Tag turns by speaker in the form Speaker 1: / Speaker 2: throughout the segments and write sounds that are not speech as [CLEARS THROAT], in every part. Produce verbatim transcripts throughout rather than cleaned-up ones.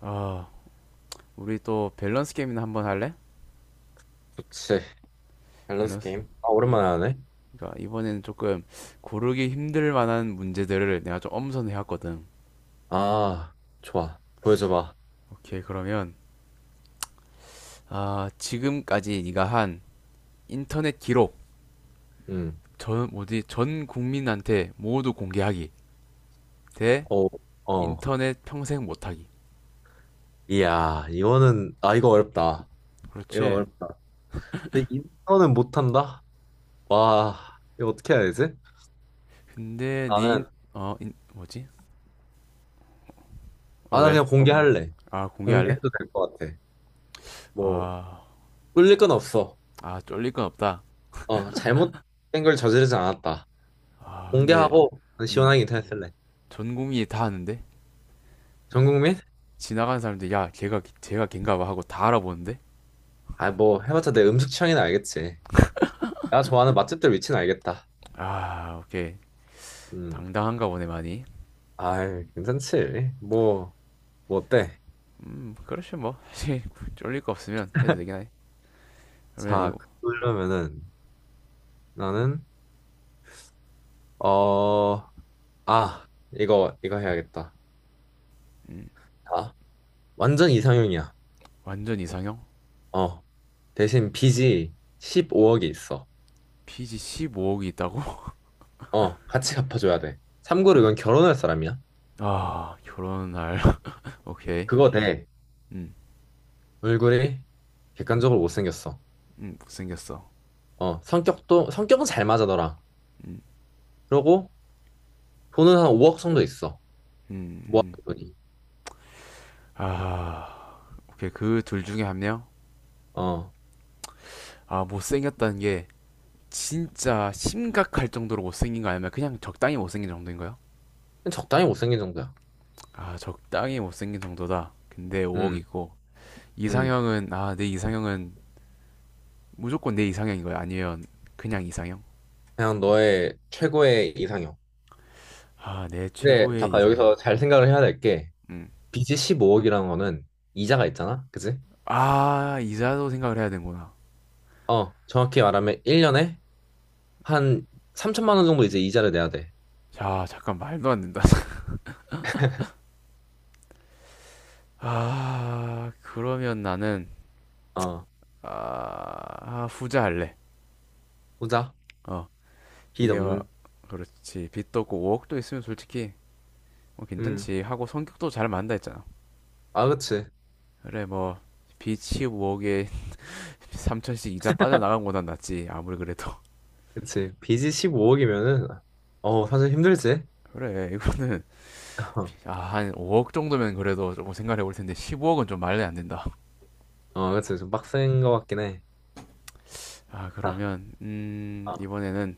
Speaker 1: 아, 우리 또 밸런스 게임이나 한번 할래?
Speaker 2: 그치. 밸런스
Speaker 1: 밸런스.
Speaker 2: 게임. 아,
Speaker 1: 예.
Speaker 2: 오랜만에 하네.
Speaker 1: 그러니까 이번에는 조금 고르기 힘들 만한 문제들을 내가 좀 엄선해 왔거든.
Speaker 2: 아, 좋아. 보여줘봐.
Speaker 1: 오케이, 그러면 아, 지금까지 네가 한 인터넷 기록
Speaker 2: 응.
Speaker 1: 전 뭐지? 전 국민한테 모두 공개하기 대
Speaker 2: 어, 어.
Speaker 1: 인터넷 평생 못하기.
Speaker 2: 이야, 이거는, 아, 이거 어렵다. 이거
Speaker 1: 그렇지.
Speaker 2: 어렵다. 근데 이거는 못한다? 와, 이거 어떻게 해야 되지?
Speaker 1: 근데 네 인,
Speaker 2: 나는,
Speaker 1: 어, 인, 뭐지? 어,
Speaker 2: 아, 나
Speaker 1: 왜?
Speaker 2: 그냥 공개할래.
Speaker 1: 아,
Speaker 2: 공개해도
Speaker 1: 공개할래?
Speaker 2: 될 것 같아. 뭐,
Speaker 1: 아,
Speaker 2: 뿔릴 건 없어.
Speaker 1: 아, 쫄릴 건 없다.
Speaker 2: 어, 잘못된 걸 저지르지 않았다.
Speaker 1: 아, 근데
Speaker 2: 공개하고, 난
Speaker 1: 음,
Speaker 2: 시원하게 인터넷 쓸래.
Speaker 1: 전 국민이 다 아는데?
Speaker 2: 전 국민?
Speaker 1: 지나가는 사람들 야 걔가 걔가 걔인가 봐 하고 다 알아보는데
Speaker 2: 아, 뭐, 해봤자 내 음식 취향이나 알겠지. 내가 좋아하는 맛집들 위치는 알겠다.
Speaker 1: 아 오케이
Speaker 2: 음.
Speaker 1: 당당한가 보네 많이
Speaker 2: 아이, 괜찮지. 뭐, 뭐 어때?
Speaker 1: 음 그렇죠 뭐 사실 쫄릴 거 없으면 해도 되긴 하네 그러면
Speaker 2: 자,
Speaker 1: 이거
Speaker 2: 그러면은 나는 어, 아, 이거 이거 해야겠다.
Speaker 1: 음,
Speaker 2: 자, 완전 이상형이야.
Speaker 1: 완전 이상형
Speaker 2: 어, 대신 빚이 십오 억이 있어.
Speaker 1: 피지 십오 억이 있다고
Speaker 2: 어, 같이 갚아줘야 돼. 참고로 이건 결혼할 사람이야.
Speaker 1: 아 결혼할 [LAUGHS] 오케이
Speaker 2: 그거 돼. 얼굴이 객관적으로 못생겼어.
Speaker 1: 음음 못생겼어
Speaker 2: 어, 성격도 성격은 잘 맞아 너랑. 그러고 돈은 한 오 억 정도 있어. 모아둔
Speaker 1: 음음음아
Speaker 2: 돈이.
Speaker 1: 오케이 그 둘 중에 한 명
Speaker 2: 어,
Speaker 1: 아 못생겼다는 게 진짜 심각할 정도로 못생긴 거 아니면 그냥 적당히 못생긴 정도인가요?
Speaker 2: 그냥 적당히 못생긴 정도야.
Speaker 1: 아, 적당히 못생긴 정도다. 근데
Speaker 2: 음,
Speaker 1: 오 억이고
Speaker 2: 음.
Speaker 1: 이상형은 아, 내 이상형은 무조건 내 이상형인 거야. 아니면 그냥 이상형?
Speaker 2: 그냥 너의 최고의 이상형.
Speaker 1: 아, 내
Speaker 2: 근데
Speaker 1: 최고의
Speaker 2: 잠깐
Speaker 1: 이상형.
Speaker 2: 여기서 잘 생각을 해야 될게,
Speaker 1: 음.
Speaker 2: 빚이 십오 억이라는 거는 이자가 있잖아. 그지?
Speaker 1: 아, 이자도 생각을 해야 되는구나.
Speaker 2: 어, 정확히 말하면 일 년에 한 삼천만 원 정도 이제 이자를 내야 돼.
Speaker 1: 자, 잠깐 말도 안 된다. [LAUGHS] 아, 그러면 나는
Speaker 2: 어,
Speaker 1: 아, 아, 후자 할래.
Speaker 2: 후자.
Speaker 1: 어,
Speaker 2: 빚
Speaker 1: 이게 와,
Speaker 2: 없는.
Speaker 1: 그렇지. 빚도 없고 오 억도 있으면 솔직히 뭐
Speaker 2: 음.
Speaker 1: 괜찮지. 하고 성격도 잘 맞는다 했잖아.
Speaker 2: 아, 그치.
Speaker 1: 그래, 뭐 빚이 오 억에 삼천씩 이자 빠져나간 거보단 낫지 아무리 그래도
Speaker 2: 그치. 빚이 십오 억이면은 어, 사실 힘들지.
Speaker 1: 그래 이거는 아,
Speaker 2: [LAUGHS]
Speaker 1: 한 오 억 정도면 그래도 조금 생각해 볼 텐데 십오 억은 좀 말이 안 된다
Speaker 2: 어, 그치. 좀 빡센 거 같긴 해.
Speaker 1: 아
Speaker 2: 아,
Speaker 1: 그러면 음
Speaker 2: 아,
Speaker 1: 이번에는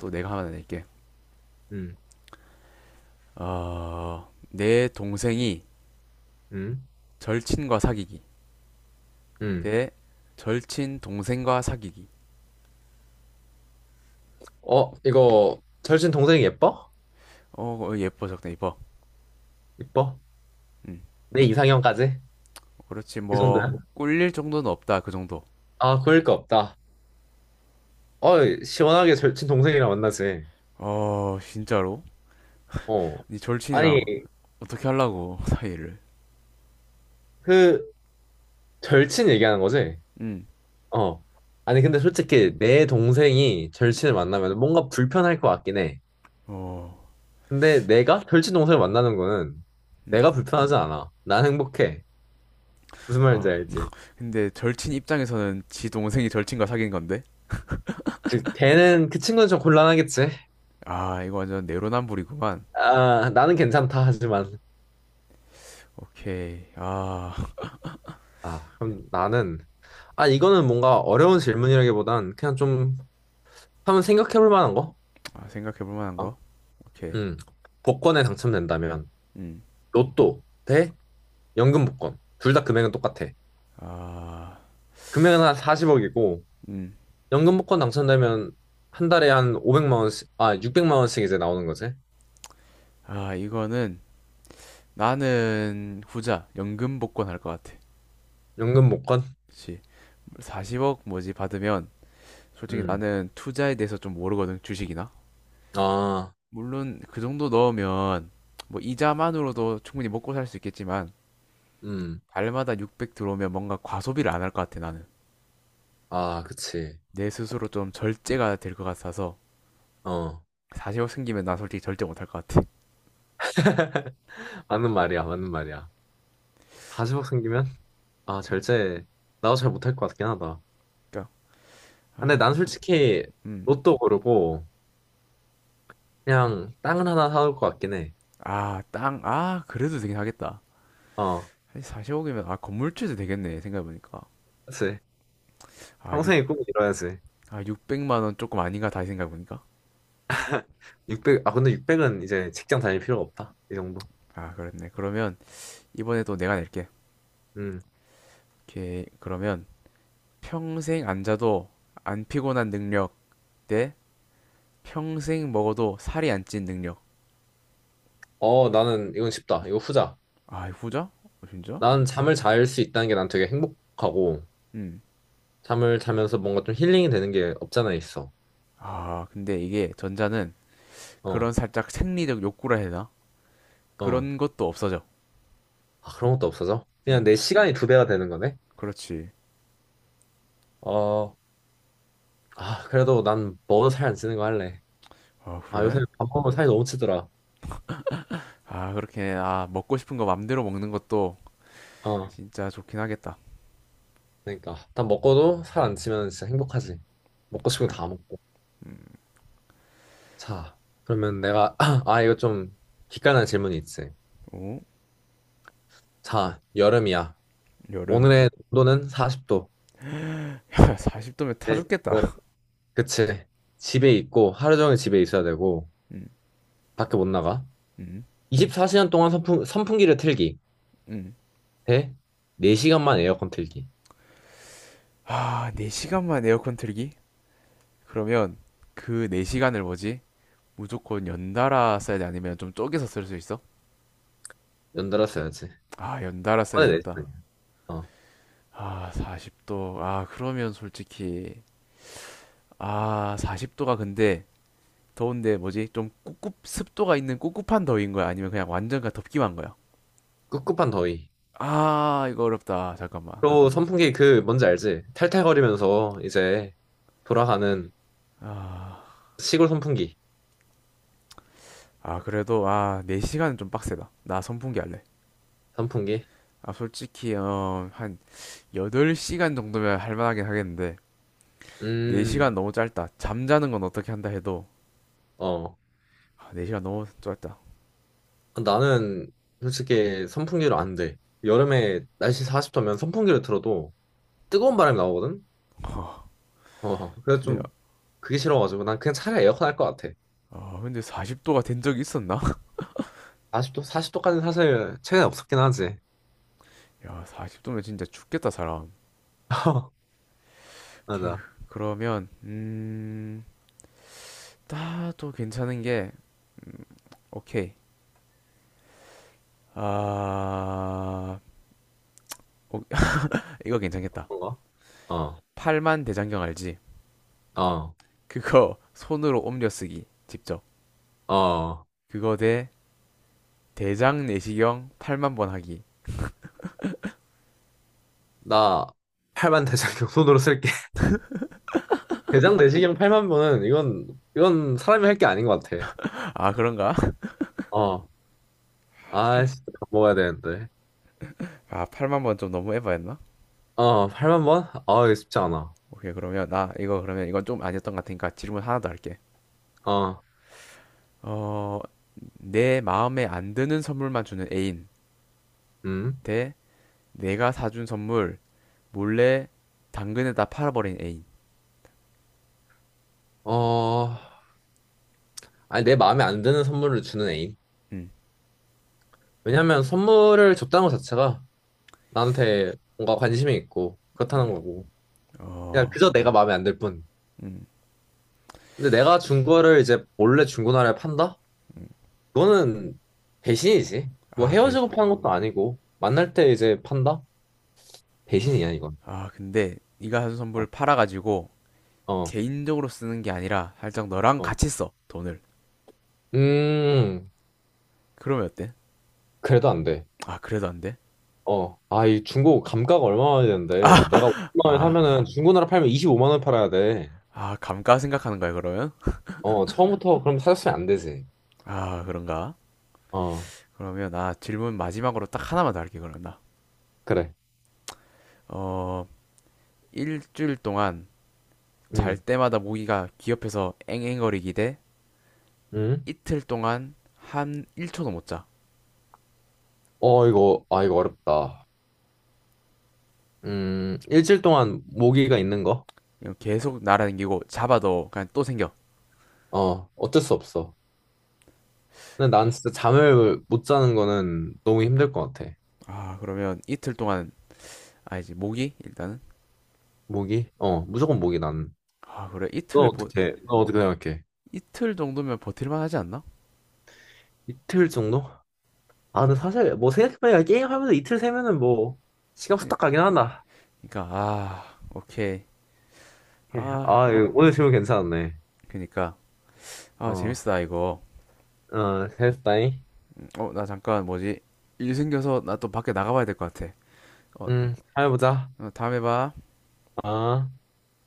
Speaker 1: 또 내가 하나 낼게
Speaker 2: 음,
Speaker 1: 어내 동생이
Speaker 2: 음,
Speaker 1: 절친과 사귀기
Speaker 2: 음.
Speaker 1: 대 절친 동생과 사귀기
Speaker 2: 어, 이거 절친 동생이 예뻐?
Speaker 1: 어 어, 예뻐 적당 예뻐
Speaker 2: 예뻐?
Speaker 1: 음
Speaker 2: 내 이상형까지?
Speaker 1: 그렇지
Speaker 2: 그
Speaker 1: 뭐
Speaker 2: 정도야?
Speaker 1: 꿀릴 정도는 없다 그 정도
Speaker 2: 아, 그럴 거 없다. 어, 시원하게 절친 동생이랑 만나지.
Speaker 1: 어 진짜로
Speaker 2: 어.
Speaker 1: 네
Speaker 2: 아니,
Speaker 1: 절친이랑 어떻게 하려고 사이를
Speaker 2: 그, 절친 얘기하는 거지?
Speaker 1: 음
Speaker 2: 어. 아니, 근데 솔직히 내 동생이 절친을 만나면 뭔가 불편할 것 같긴 해.
Speaker 1: 어
Speaker 2: 근데 내가 절친 동생을 만나는 거는 내가
Speaker 1: 음
Speaker 2: 불편하지 않아. 난 행복해. 무슨 말인지
Speaker 1: 아
Speaker 2: 알지?
Speaker 1: 근데 절친 입장에서는 지 동생이 절친과 사귄 건데?
Speaker 2: 즉, 걔는, 그 친구는 좀 곤란하겠지?
Speaker 1: 아, 이거 완전 내로남불이구만.
Speaker 2: 아, 나는 괜찮다, 하지만.
Speaker 1: 오케이. 아,
Speaker 2: 아, 그럼 나는. 아, 이거는 뭔가 어려운 질문이라기보단 그냥 좀 한번 생각해 볼 만한 거?
Speaker 1: 아, 생각해볼 만한
Speaker 2: 어.
Speaker 1: 거? 오케이.
Speaker 2: 음, 복권에 당첨된다면
Speaker 1: 음.
Speaker 2: 로또 대 연금 복권. 둘 다 금액은 똑같아.
Speaker 1: 아,
Speaker 2: 금액은 한 사십 억이고
Speaker 1: 음.
Speaker 2: 연금 복권 당첨되면 한 달에 한 오백만 원씩, 아 육백만 원씩 이제 나오는 거지.
Speaker 1: 아, 이거는 나는 후자, 연금 복권 할 것 같아.
Speaker 2: 연금 복권?
Speaker 1: 그치. 사십 억 뭐지 받으면 솔직히
Speaker 2: 음.
Speaker 1: 나는 투자에 대해서 좀 모르거든, 주식이나.
Speaker 2: 아,
Speaker 1: 물론 그 정도 넣으면 뭐 이자만으로도 충분히 먹고 살 수 있겠지만
Speaker 2: 음.
Speaker 1: 달마다 육백 들어오면 뭔가 과소비를 안 할 것 같아, 나는.
Speaker 2: 아, 그치.
Speaker 1: 내 스스로 좀 절제가 될 것 같아서
Speaker 2: 어.
Speaker 1: 사 억 생기면 나 솔직히 절제 못할 것 같아.
Speaker 2: 맞는 말이야. 맞는 말이야. 사십 억 생기면, 아,
Speaker 1: 음,
Speaker 2: 절제 나도 잘 못할 것 같긴 하다.
Speaker 1: 그러니까
Speaker 2: 근데 난 솔직히
Speaker 1: 음.
Speaker 2: 로또 고르고 그냥 땅을 하나 사올 것 같긴 해.
Speaker 1: 아, 땅. 아, 그래도 되긴 하겠다.
Speaker 2: 어.
Speaker 1: 사 억이면 아, 건물주도 되겠네. 생각해 보니까.
Speaker 2: 그치.
Speaker 1: 아, 6
Speaker 2: 평생의 꿈을 이뤄야지.
Speaker 1: 아, 육백만 원 조금 아닌가 다시 생각해 보니까.
Speaker 2: 육백 아, 근데 육백은 이제 직장 다닐 필요가 없다. 이 정도.
Speaker 1: 아, 그렇네. 그러면 이번에도 내가 낼게.
Speaker 2: 음.
Speaker 1: 오케이. 그러면 평생 안 자도 안 피곤한 능력 대 평생 먹어도 살이 안 찐 능력.
Speaker 2: 어, 나는 이건 쉽다. 이거 후자.
Speaker 1: 아, 후자? 어, 진짜?
Speaker 2: 나는 잠을 잘 수 있다는 게 난 되게 행복하고,
Speaker 1: 음.
Speaker 2: 잠을 자면서 뭔가 좀 힐링이 되는 게 없잖아, 있어.
Speaker 1: 아, 근데 이게 전자는
Speaker 2: 어,
Speaker 1: 그런 살짝 생리적 욕구라 해야 되나?
Speaker 2: 어.
Speaker 1: 그런 것도 없어져.
Speaker 2: 아, 그런 것도 없어져?
Speaker 1: 응,
Speaker 2: 그냥 내 시간이 두 배가 되는 거네?
Speaker 1: 그렇지.
Speaker 2: 어, 아, 그래도 난 먹어도 살 안 찌는 거 할래.
Speaker 1: 아,
Speaker 2: 아, 요새
Speaker 1: 그래?
Speaker 2: 밥 먹으면 살이 너무 찌더라.
Speaker 1: 아, 그렇게, 아, 먹고 싶은 거 맘대로 먹는 것도
Speaker 2: 어,
Speaker 1: 진짜 좋긴 하겠다.
Speaker 2: 그러니까. 난 먹고도 살 안 찌면 진짜 행복하지. 먹고 싶은 거
Speaker 1: 캬.
Speaker 2: 다 먹고. 자, 그러면 내가, [CLEARS THROAT] 아, 이거 좀 기깔난 질문이 있지.
Speaker 1: 오,
Speaker 2: 자, 여름이야.
Speaker 1: 여름.
Speaker 2: 오늘의 온도는 사십 도.
Speaker 1: [LAUGHS] 야, 사십 도면 타
Speaker 2: 네. 여름.
Speaker 1: 죽겠다.
Speaker 2: 그치. 집에 있고, 하루 종일 집에 있어야 되고,
Speaker 1: 음,
Speaker 2: 밖에 못 나가.
Speaker 1: 음,
Speaker 2: 이십사 시간 동안 선풍, 선풍기를 틀기.
Speaker 1: 음.
Speaker 2: 대 네 시간만 에어컨 틀기.
Speaker 1: 아, 네 시간만 에어컨 틀기? 그러면 그 네 시간을 뭐지? 무조건 연달아 써야 돼? 아니면 좀 쪼개서 쓸 수 있어?
Speaker 2: 연달아 써야지.
Speaker 1: 아, 연달아 써야
Speaker 2: 이번에
Speaker 1: 된다.
Speaker 2: 네 시간이야. 어.
Speaker 1: 아, 사십 도. 아, 그러면 솔직히. 아, 사십 도가 근데 더운데 뭐지? 좀 꿉꿉 습도가 있는 꿉꿉한 더위인 거야? 아니면 그냥 완전 가 덥기만 한 거야?
Speaker 2: 꿉꿉한 더위.
Speaker 1: 아, 이거 어렵다. 잠깐만.
Speaker 2: 또 선풍기 그, 뭔지 알지? 탈탈거리면서 이제 돌아가는
Speaker 1: 아,
Speaker 2: 시골 선풍기.
Speaker 1: 아 그래도 아, 네 시간은 좀 빡세다. 나 선풍기 할래.
Speaker 2: 선풍기.
Speaker 1: 아, 솔직히 어, 한 여덟 시간 정도면 할 만하긴 하겠는데 네 시간
Speaker 2: 음,
Speaker 1: 너무 짧다. 잠자는 건 어떻게 한다 해도
Speaker 2: 어.
Speaker 1: 아, 네 시간 너무 짧다.
Speaker 2: 나는 솔직히 선풍기로 안 돼. 여름에 날씨 사십 도면 선풍기를 틀어도 뜨거운 바람이 나오거든?
Speaker 1: 어,
Speaker 2: 어, 그래서
Speaker 1: 근데
Speaker 2: 좀 그게 싫어가지고 난 그냥 차라리 에어컨 할 것 같아.
Speaker 1: 아, 근데 사십 도가 된 적이 있었나?
Speaker 2: 사십 도, 사십 도까지는 사실 최근에 없었긴 하지.
Speaker 1: [LAUGHS] 야, 사십 도면 진짜 죽겠다, 사람.
Speaker 2: [LAUGHS]
Speaker 1: 오케이.
Speaker 2: 맞아.
Speaker 1: 그러면 음, 따도 괜찮은 게 음, 오케이. 아, 어, 이거 괜찮겠다.
Speaker 2: 뭔가? 어,
Speaker 1: 팔만 대장경 알지?
Speaker 2: 어,
Speaker 1: 그거 손으로 옮겨 쓰기. 직접.
Speaker 2: 어.
Speaker 1: 그거 대 대장 내시경 팔만번 하기.
Speaker 2: 나 팔만 대장경 손으로 쓸게. [LAUGHS] 대장 내시경 팔만 번은 이건, 이건, 사람이 할 게 아닌 것 같아.
Speaker 1: 아, 그런가?
Speaker 2: 어. 아,
Speaker 1: [LAUGHS]
Speaker 2: 진짜 밥 먹어야 되는데.
Speaker 1: 아, 팔, 아, 만번 좀 너무 에바였나?
Speaker 2: 어, 팔만 번? 아, 이거 쉽지 않아.
Speaker 1: 오케이, 그러면 나 이거 그러면 이건 좀 아니었던 것 같으니까 질문 하나 더 할게.
Speaker 2: 어,
Speaker 1: 어, 내 마음에 안 드는 선물만 주는 애인
Speaker 2: 음.
Speaker 1: 대 내가 사준 선물 몰래 당근에다 팔아버린 애인.
Speaker 2: 어, 아니, 내 마음에 안 드는 선물을 주는 애인.
Speaker 1: 음,
Speaker 2: 왜냐면 선물을 줬다는 것 자체가 나한테 뭔가 관심이 있고 그렇다는
Speaker 1: 음,
Speaker 2: 거고. 그냥
Speaker 1: 어,
Speaker 2: 그저 내가 마음에 안 들 뿐.
Speaker 1: 음,
Speaker 2: 근데 내가 준 거를 이제 몰래 중고나라에 판다? 그거는 배신이지. 뭐
Speaker 1: 아, 배신.
Speaker 2: 헤어지고 파는 것도 아니고 만날 때 이제 판다? 배신이야, 이건.
Speaker 1: 아, 근데 네가 사준
Speaker 2: 어,
Speaker 1: 선물 팔아가지고
Speaker 2: 어.
Speaker 1: 개인적으로 쓰는 게 아니라 살짝 너랑
Speaker 2: 어.
Speaker 1: 같이 써, 돈을.
Speaker 2: 음,
Speaker 1: 그러면 어때?
Speaker 2: 그래도 안 돼.
Speaker 1: 아, 그래도 안 돼?
Speaker 2: 어, 아, 이 중고 감가가 얼마나
Speaker 1: 아,
Speaker 2: 되는데 내가 오만 원에
Speaker 1: 아,
Speaker 2: 사면은 중고나라 팔면 이십오만 원 팔아야 돼.
Speaker 1: 아 감가 생각하는 거야, 그러면?
Speaker 2: 어, 처음부터 그럼 사줬으면 안 되지.
Speaker 1: 아, 그런가?
Speaker 2: 어,
Speaker 1: 그러면 나 질문 마지막으로 딱 하나만 더 할게, 그러면 나.
Speaker 2: 그래.
Speaker 1: 어, 일주일 동안 잘
Speaker 2: 음,
Speaker 1: 때마다 모기가 귀 옆에서 앵앵거리기 대
Speaker 2: 음.
Speaker 1: 이틀 동안 한 일 초도 못 자.
Speaker 2: 어, 이거, 아, 이거 어렵다. 음, 일주일 동안 모기가 있는 거?
Speaker 1: 그냥 계속 날아다니고 잡아도 그냥 또 생겨.
Speaker 2: 어, 어쩔 수 없어. 근데 난 진짜 잠을 못 자는 거는 너무 힘들 것 같아.
Speaker 1: 아, 그러면 이틀 동안, 아니지, 모기? 일단은.
Speaker 2: 모기? 어, 무조건 모기 나는.
Speaker 1: 아, 그래.
Speaker 2: 너
Speaker 1: 이틀 보,
Speaker 2: 어떻게, 너 어떻게 생각해?
Speaker 1: 이틀 정도면 버틸만 하지 않나?
Speaker 2: 이틀 정도? 아, 근데 사실 뭐 생각해보니까 게임하면서 이틀 세면은 뭐 시간
Speaker 1: 그니-
Speaker 2: 후딱
Speaker 1: 러
Speaker 2: 가긴 한다.
Speaker 1: 니까 아 오케이
Speaker 2: 오케이.
Speaker 1: 아
Speaker 2: 아, 이거 오늘 질문 괜찮았네.
Speaker 1: 그러니까 아
Speaker 2: 어,
Speaker 1: 재밌다 이거
Speaker 2: 어, 됐다잉.
Speaker 1: 어 나 잠깐 뭐지 일 생겨서 나 또 밖에 나가봐야 될 것 같아 어,
Speaker 2: 음, 잘해보자.
Speaker 1: 어 다음에 봐
Speaker 2: 아.